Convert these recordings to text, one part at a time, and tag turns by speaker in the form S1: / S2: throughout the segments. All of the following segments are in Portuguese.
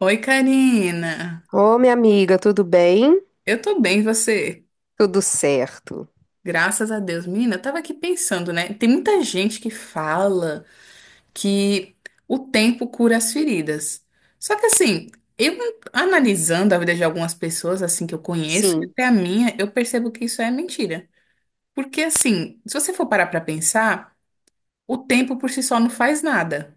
S1: Oi, Karina.
S2: Ô, minha amiga, tudo bem?
S1: Eu tô bem, e você?
S2: Tudo certo.
S1: Graças a Deus. Menina, eu tava aqui pensando, né? Tem muita gente que fala que o tempo cura as feridas. Só que assim, eu analisando a vida de algumas pessoas assim que eu conheço, e
S2: Sim,
S1: até a minha, eu percebo que isso é mentira. Porque assim, se você for parar pra pensar, o tempo por si só não faz nada.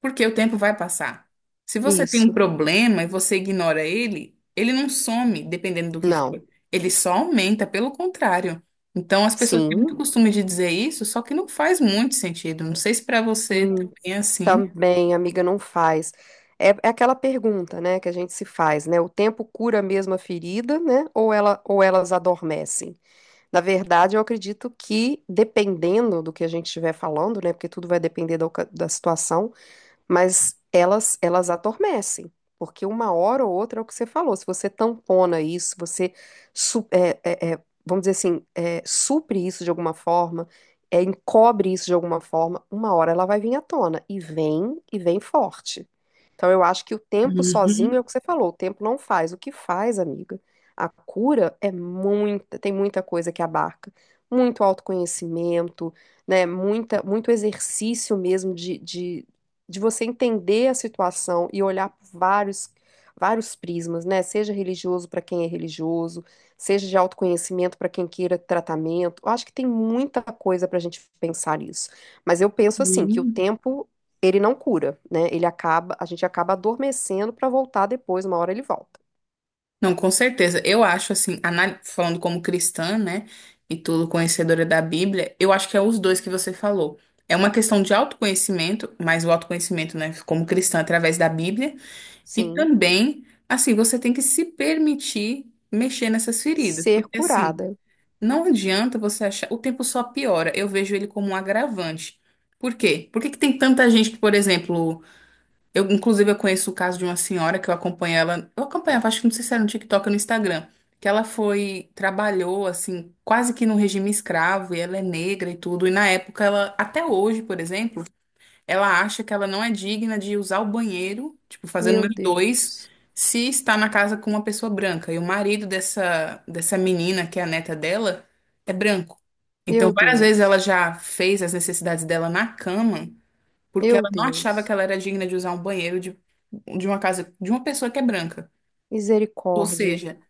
S1: Porque o tempo vai passar. Se você tem um
S2: isso.
S1: problema e você ignora ele, ele não some, dependendo do que for.
S2: Não.
S1: Ele só aumenta, pelo contrário. Então, as pessoas têm muito
S2: Sim.
S1: costume de dizer isso, só que não faz muito sentido. Não sei se para você
S2: Hum,
S1: também é assim.
S2: também, amiga, não faz. É, é aquela pergunta, né, que a gente se faz, né? O tempo cura mesmo a ferida, né? Ou elas adormecem? Na verdade, eu acredito que, dependendo do que a gente estiver falando, né? Porque tudo vai depender da situação, mas elas adormecem, porque uma hora ou outra é o que você falou. Se você tampona isso, você su- é, é, é, vamos dizer assim, é, supre isso de alguma forma, é, encobre isso de alguma forma, uma hora ela vai vir à tona e vem forte. Então, eu acho que o tempo sozinho
S1: Uhum,
S2: é o que você falou, o tempo não faz. O que faz, amiga? A cura é muita, tem muita coisa que abarca, muito autoconhecimento, né? Muita, muito exercício mesmo de você entender a situação e olhar por vários, vários prismas, né? Seja religioso para quem é religioso, seja de autoconhecimento para quem queira tratamento. Eu acho que tem muita coisa para a gente pensar nisso. Mas eu penso assim, que o
S1: uhum.
S2: tempo ele não cura, né? Ele acaba, a gente acaba adormecendo para voltar depois, uma hora ele volta.
S1: Não, com certeza. Eu acho assim, falando como cristã, né, e tudo conhecedora da Bíblia, eu acho que é os dois que você falou. É uma questão de autoconhecimento, mas o autoconhecimento, né, como cristã através da Bíblia. E
S2: Sim,
S1: também, assim, você tem que se permitir mexer nessas feridas,
S2: ser
S1: porque assim,
S2: curada.
S1: não adianta você achar, o tempo só piora. Eu vejo ele como um agravante. Por quê? Por que que tem tanta gente que, por exemplo, eu conheço o caso de uma senhora que eu acompanhava, acho que não sei se era no TikTok ou no Instagram, que ela foi, trabalhou assim, quase que no regime escravo, e ela é negra e tudo, e na época ela, até hoje, por exemplo, ela acha que ela não é digna de usar o banheiro, tipo, fazer
S2: Meu
S1: número dois,
S2: Deus.
S1: se está na casa com uma pessoa branca. E o marido dessa menina, que é a neta dela, é branco. Então,
S2: Meu
S1: várias vezes ela
S2: Deus.
S1: já fez as necessidades dela na cama, porque
S2: Meu
S1: ela não achava
S2: Deus.
S1: que ela era digna de usar um banheiro de uma casa de uma pessoa que é branca. Ou
S2: Misericórdia.
S1: seja,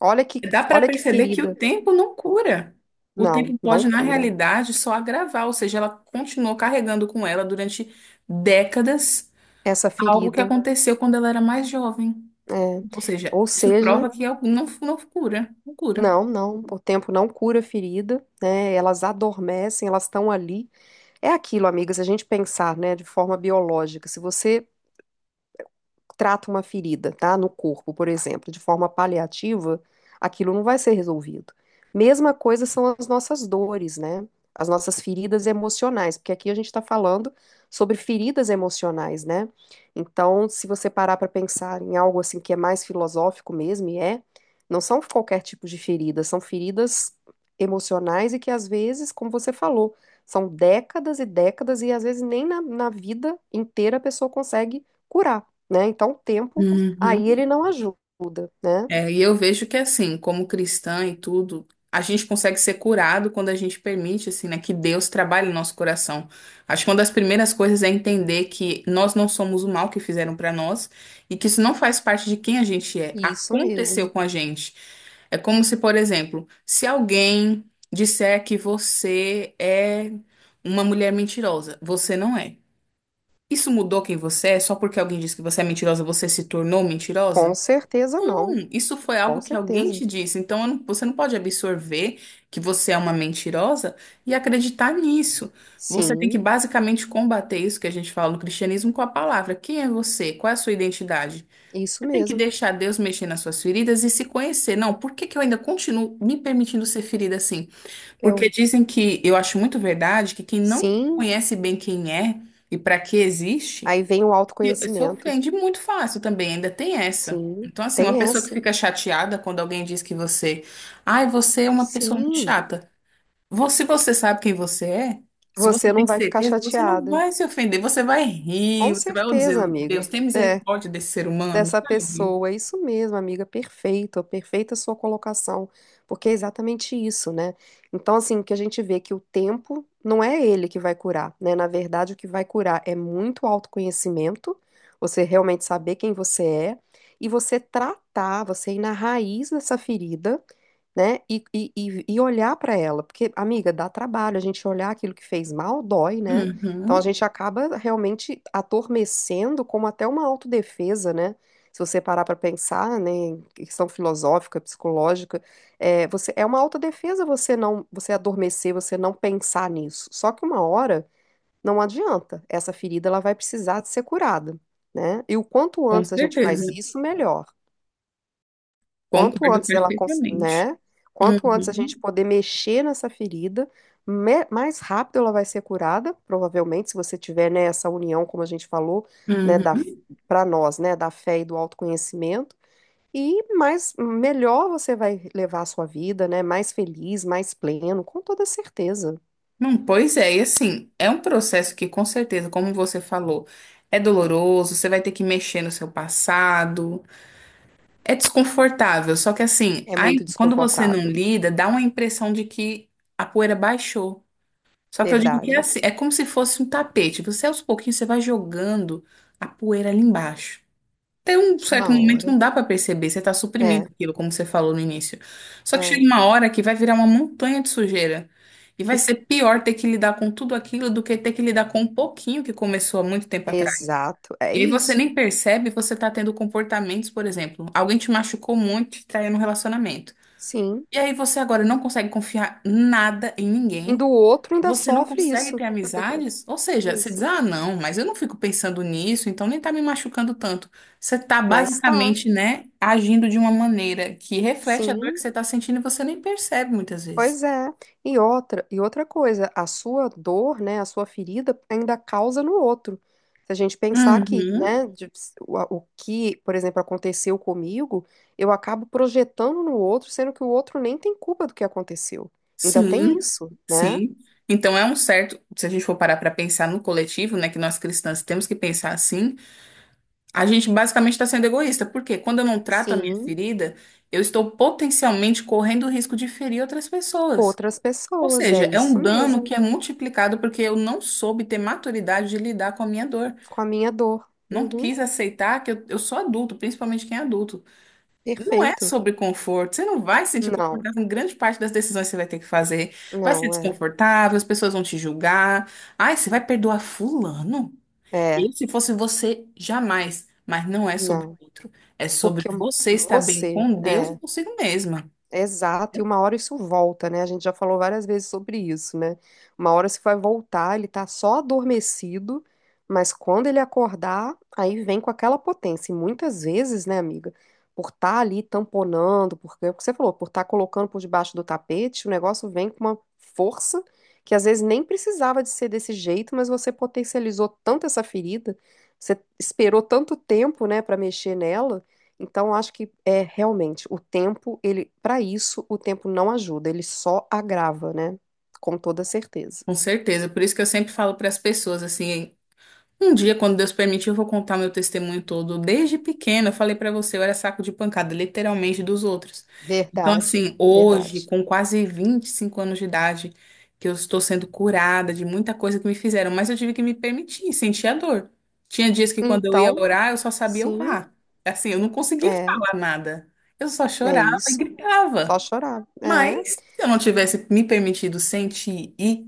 S2: Olha que,
S1: dá para
S2: olha que
S1: perceber que o
S2: ferida.
S1: tempo não cura. O
S2: Não,
S1: tempo
S2: não
S1: pode, na
S2: cura.
S1: realidade, só agravar. Ou seja, ela continuou carregando com ela durante décadas
S2: Essa
S1: algo que
S2: ferida,
S1: aconteceu quando ela era mais jovem.
S2: é,
S1: Ou seja,
S2: ou
S1: isso
S2: seja,
S1: prova que algo não cura, não cura.
S2: não, não, o tempo não cura a ferida, né? Elas adormecem, elas estão ali. É aquilo, amiga, se a gente pensar, né, de forma biológica, se você trata uma ferida, tá? No corpo, por exemplo, de forma paliativa, aquilo não vai ser resolvido. Mesma coisa são as nossas dores, né? As nossas feridas emocionais, porque aqui a gente está falando sobre feridas emocionais, né? Então, se você parar para pensar em algo assim que é mais filosófico mesmo, e é, não são qualquer tipo de ferida, são feridas emocionais e que às vezes, como você falou, são décadas e décadas e às vezes nem na vida inteira a pessoa consegue curar, né? Então, o tempo aí
S1: Uhum.
S2: ele não ajuda, né?
S1: É, e eu vejo que assim, como cristã e tudo, a gente consegue ser curado quando a gente permite, assim, né, que Deus trabalhe no nosso coração. Acho que uma das primeiras coisas é entender que nós não somos o mal que fizeram pra nós e que isso não faz parte de quem a gente é.
S2: Isso
S1: Aconteceu
S2: mesmo.
S1: com a gente. É como se, por exemplo, se alguém disser que você é uma mulher mentirosa, você não é. Isso mudou quem você é? Só porque alguém disse que você é mentirosa, você se tornou
S2: Com
S1: mentirosa?
S2: certeza não.
S1: Isso foi
S2: Com
S1: algo que alguém
S2: certeza.
S1: te disse, então eu não- você não pode absorver que você é uma mentirosa e acreditar nisso. Você tem que
S2: Sim,
S1: basicamente combater isso que a gente fala no cristianismo com a palavra. Quem é você? Qual é a sua identidade?
S2: isso
S1: Você tem que
S2: mesmo.
S1: deixar Deus mexer nas suas feridas e se conhecer. Não, por que que eu ainda continuo me permitindo ser ferida assim? Porque
S2: Eu,
S1: dizem que, eu acho muito verdade, que quem não
S2: sim,
S1: conhece bem quem é e para que existe
S2: aí vem o
S1: se
S2: autoconhecimento.
S1: ofende muito fácil também, ainda tem essa.
S2: Sim,
S1: Então, assim, uma
S2: tem
S1: pessoa que
S2: essa.
S1: fica chateada quando alguém diz que você, ai, você é uma pessoa muito
S2: Sim,
S1: chata. Você, se você sabe quem você é, se você
S2: você não
S1: tem
S2: vai ficar
S1: certeza, você não
S2: chateada.
S1: vai se ofender, você vai rir,
S2: Com
S1: você vai dizer,
S2: certeza,
S1: Deus,
S2: amiga.
S1: tem
S2: É.
S1: misericórdia desse ser humano,
S2: Dessa
S1: sabe?
S2: pessoa. Isso mesmo, amiga, perfeito, perfeita sua colocação, porque é exatamente isso, né? Então, assim, o que a gente vê é que o tempo não é ele que vai curar, né? Na verdade, o que vai curar é muito autoconhecimento, você realmente saber quem você é e você tratar, você ir na raiz dessa ferida, né? E olhar para ela, porque, amiga, dá trabalho, a gente olhar aquilo que fez mal dói, né? Então a
S1: Uhum,
S2: gente acaba realmente adormecendo como até uma autodefesa, né? Se você parar para pensar, né, em questão filosófica, psicológica, é, você, é uma autodefesa você não, você adormecer, você não pensar nisso. Só que uma hora não adianta, essa ferida ela vai precisar de ser curada, né? E o quanto
S1: com
S2: antes a gente
S1: certeza,
S2: faz isso, melhor. Quanto
S1: concordo
S2: antes ela, cons-
S1: perfeitamente.
S2: né? Quanto antes a gente
S1: Uhum,
S2: poder mexer nessa ferida, mais rápido ela vai ser curada, provavelmente, se você tiver, né, essa união, como a gente falou, né, da,
S1: uhum.
S2: para nós, né, da fé e do autoconhecimento, e mais melhor você vai levar a sua vida, né, mais feliz, mais pleno, com toda certeza.
S1: Não, pois é, e assim, é um processo que com certeza, como você falou, é doloroso, você vai ter que mexer no seu passado, é desconfortável, só que assim,
S2: É muito
S1: aí, quando você não
S2: desconfortável,
S1: lida, dá uma impressão de que a poeira baixou. Só que eu digo que é
S2: verdade.
S1: assim, é como se fosse um tapete, você aos pouquinhos você vai jogando a poeira ali embaixo. Até um certo
S2: Uma
S1: momento
S2: hora.
S1: não dá pra perceber, você tá
S2: É,
S1: suprimindo aquilo, como você falou no início. Só que chega
S2: é.
S1: uma hora que vai virar uma montanha de sujeira. E
S2: Que,
S1: vai
S2: s-
S1: ser pior ter que lidar com tudo aquilo do que ter que lidar com um pouquinho que começou há muito tempo atrás.
S2: exato, é
S1: E aí você
S2: isso.
S1: nem percebe, você tá tendo comportamentos, por exemplo, alguém te machucou muito, te traiu no relacionamento.
S2: Sim.
S1: E aí você agora não consegue confiar nada em
S2: E
S1: ninguém.
S2: do outro ainda
S1: Você não
S2: sofre
S1: consegue
S2: isso.
S1: ter amizades? Ou seja, você diz,
S2: Isso.
S1: ah, não, mas eu não fico pensando nisso, então nem tá me machucando tanto. Você tá
S2: Mas tá,
S1: basicamente, né, agindo de uma maneira que reflete a dor
S2: sim,
S1: que você tá sentindo e você nem percebe muitas vezes.
S2: pois é. E outra coisa, a sua dor, né, a sua ferida ainda causa no outro. Se a gente pensar aqui,
S1: Uhum,
S2: né, o que, por exemplo, aconteceu comigo, eu acabo projetando no outro, sendo que o outro nem tem culpa do que aconteceu. Ainda tem
S1: sim,
S2: isso, né?
S1: sim. Então é um certo, se a gente for parar para pensar no coletivo, né, que nós cristãs temos que pensar assim, a gente basicamente está sendo egoísta, porque quando eu não trato a minha
S2: Sim,
S1: ferida, eu estou potencialmente correndo o risco de ferir outras pessoas.
S2: outras
S1: Ou
S2: pessoas, é
S1: seja, é
S2: isso
S1: um dano
S2: mesmo,
S1: que é multiplicado porque eu não soube ter maturidade de lidar com a minha dor.
S2: com a minha dor.
S1: Não
S2: Uhum,
S1: quis aceitar que eu sou adulto, principalmente quem é adulto. Não é
S2: perfeito.
S1: sobre conforto. Você não vai se sentir
S2: Não,
S1: confortável em grande parte das decisões que você vai ter que fazer. Vai ser
S2: não, é,
S1: desconfortável, as pessoas vão te julgar. Ai, você vai perdoar fulano?
S2: é,
S1: Eu, se fosse você, jamais. Mas não é sobre
S2: não.
S1: o outro. É sobre
S2: Porque eu-
S1: você estar bem
S2: você,
S1: com Deus e
S2: é.
S1: consigo mesma.
S2: Exato, e uma hora isso volta, né? A gente já falou várias vezes sobre isso, né? Uma hora isso vai voltar, ele tá só adormecido, mas quando ele acordar, aí vem com aquela potência. E muitas vezes, né, amiga, por estar ali tamponando, porque é o que você falou, por estar colocando por debaixo do tapete, o negócio vem com uma força que às vezes nem precisava de ser desse jeito, mas você potencializou tanto essa ferida, você esperou tanto tempo, né, para mexer nela. Então, eu acho que é realmente o tempo, ele, para isso, o tempo não ajuda, ele só agrava, né? Com toda certeza.
S1: Com certeza. Por isso que eu sempre falo para as pessoas assim. Um dia, quando Deus permitir, eu vou contar meu testemunho todo. Desde pequena, eu falei pra você, eu era saco de pancada, literalmente dos outros. Então,
S2: Verdade,
S1: assim, hoje,
S2: verdade.
S1: com quase 25 anos de idade, que eu estou sendo curada de muita coisa que me fizeram, mas eu tive que me permitir, sentir a dor. Tinha dias que quando eu ia
S2: Então,
S1: orar, eu só sabia
S2: sim,
S1: orar. Assim, eu não conseguia
S2: é,
S1: falar nada. Eu só
S2: é
S1: chorava e
S2: isso. Só
S1: gritava.
S2: chorar. É.
S1: Mas se eu não tivesse me permitido sentir e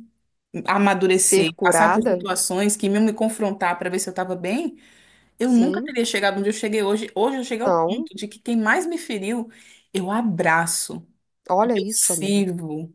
S2: Ser
S1: amadurecer, passar por
S2: curada?
S1: situações que iam me confrontar para ver se eu estava bem, eu nunca
S2: Sim,
S1: teria chegado onde eu cheguei hoje. Hoje eu cheguei ao
S2: não.
S1: ponto de que quem mais me feriu, eu abraço e
S2: Olha
S1: eu
S2: isso, amigo.
S1: sirvo.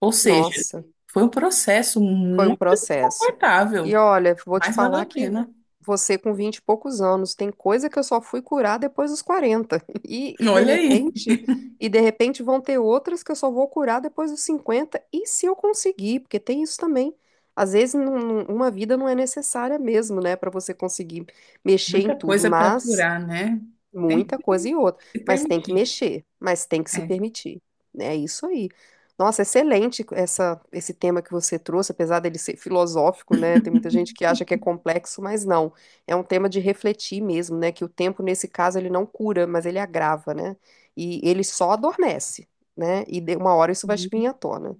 S1: Ou seja,
S2: Nossa.
S1: foi um processo
S2: Foi um
S1: muito
S2: processo. E
S1: desconfortável,
S2: olha, vou te
S1: mas valeu
S2: falar
S1: a
S2: que
S1: pena.
S2: você com 20 e poucos anos, tem coisa que eu só fui curar depois dos 40. E,
S1: Olha aí,
S2: e de repente vão ter outras que eu só vou curar depois dos 50. E se eu conseguir, porque tem isso também. Às vezes, uma vida não é necessária mesmo, né, para você conseguir mexer em
S1: muita
S2: tudo,
S1: coisa para
S2: mas
S1: curar, né? Tem
S2: muita coisa
S1: que
S2: e outra,
S1: se
S2: mas tem que
S1: permitir.
S2: mexer, mas tem que se
S1: É.
S2: permitir. Né, é isso aí. Nossa, excelente essa, esse tema que você trouxe, apesar dele ser filosófico, né? Tem muita gente que acha que é complexo, mas não. É um tema de refletir mesmo, né? Que o tempo, nesse caso, ele não cura, mas ele agrava, né? E ele só adormece, né? E de uma hora isso vai vir à tona.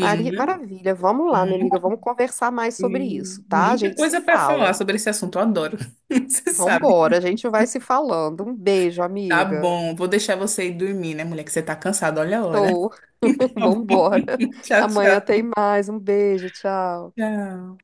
S2: Maravilha, vamos lá, minha amiga,
S1: muito-
S2: vamos conversar mais sobre isso, tá? A
S1: muita
S2: gente se
S1: coisa para falar
S2: fala.
S1: sobre esse assunto, eu adoro. Você sabe.
S2: Vambora, a gente vai se falando. Um beijo,
S1: Tá
S2: amiga.
S1: bom, vou deixar você ir dormir, né, mulher? Que você tá cansada, olha a hora.
S2: Estou.
S1: Tá bom.
S2: Vambora.
S1: Tchau,
S2: Amanhã tem
S1: tchau.
S2: mais. Um beijo, tchau.
S1: Tchau.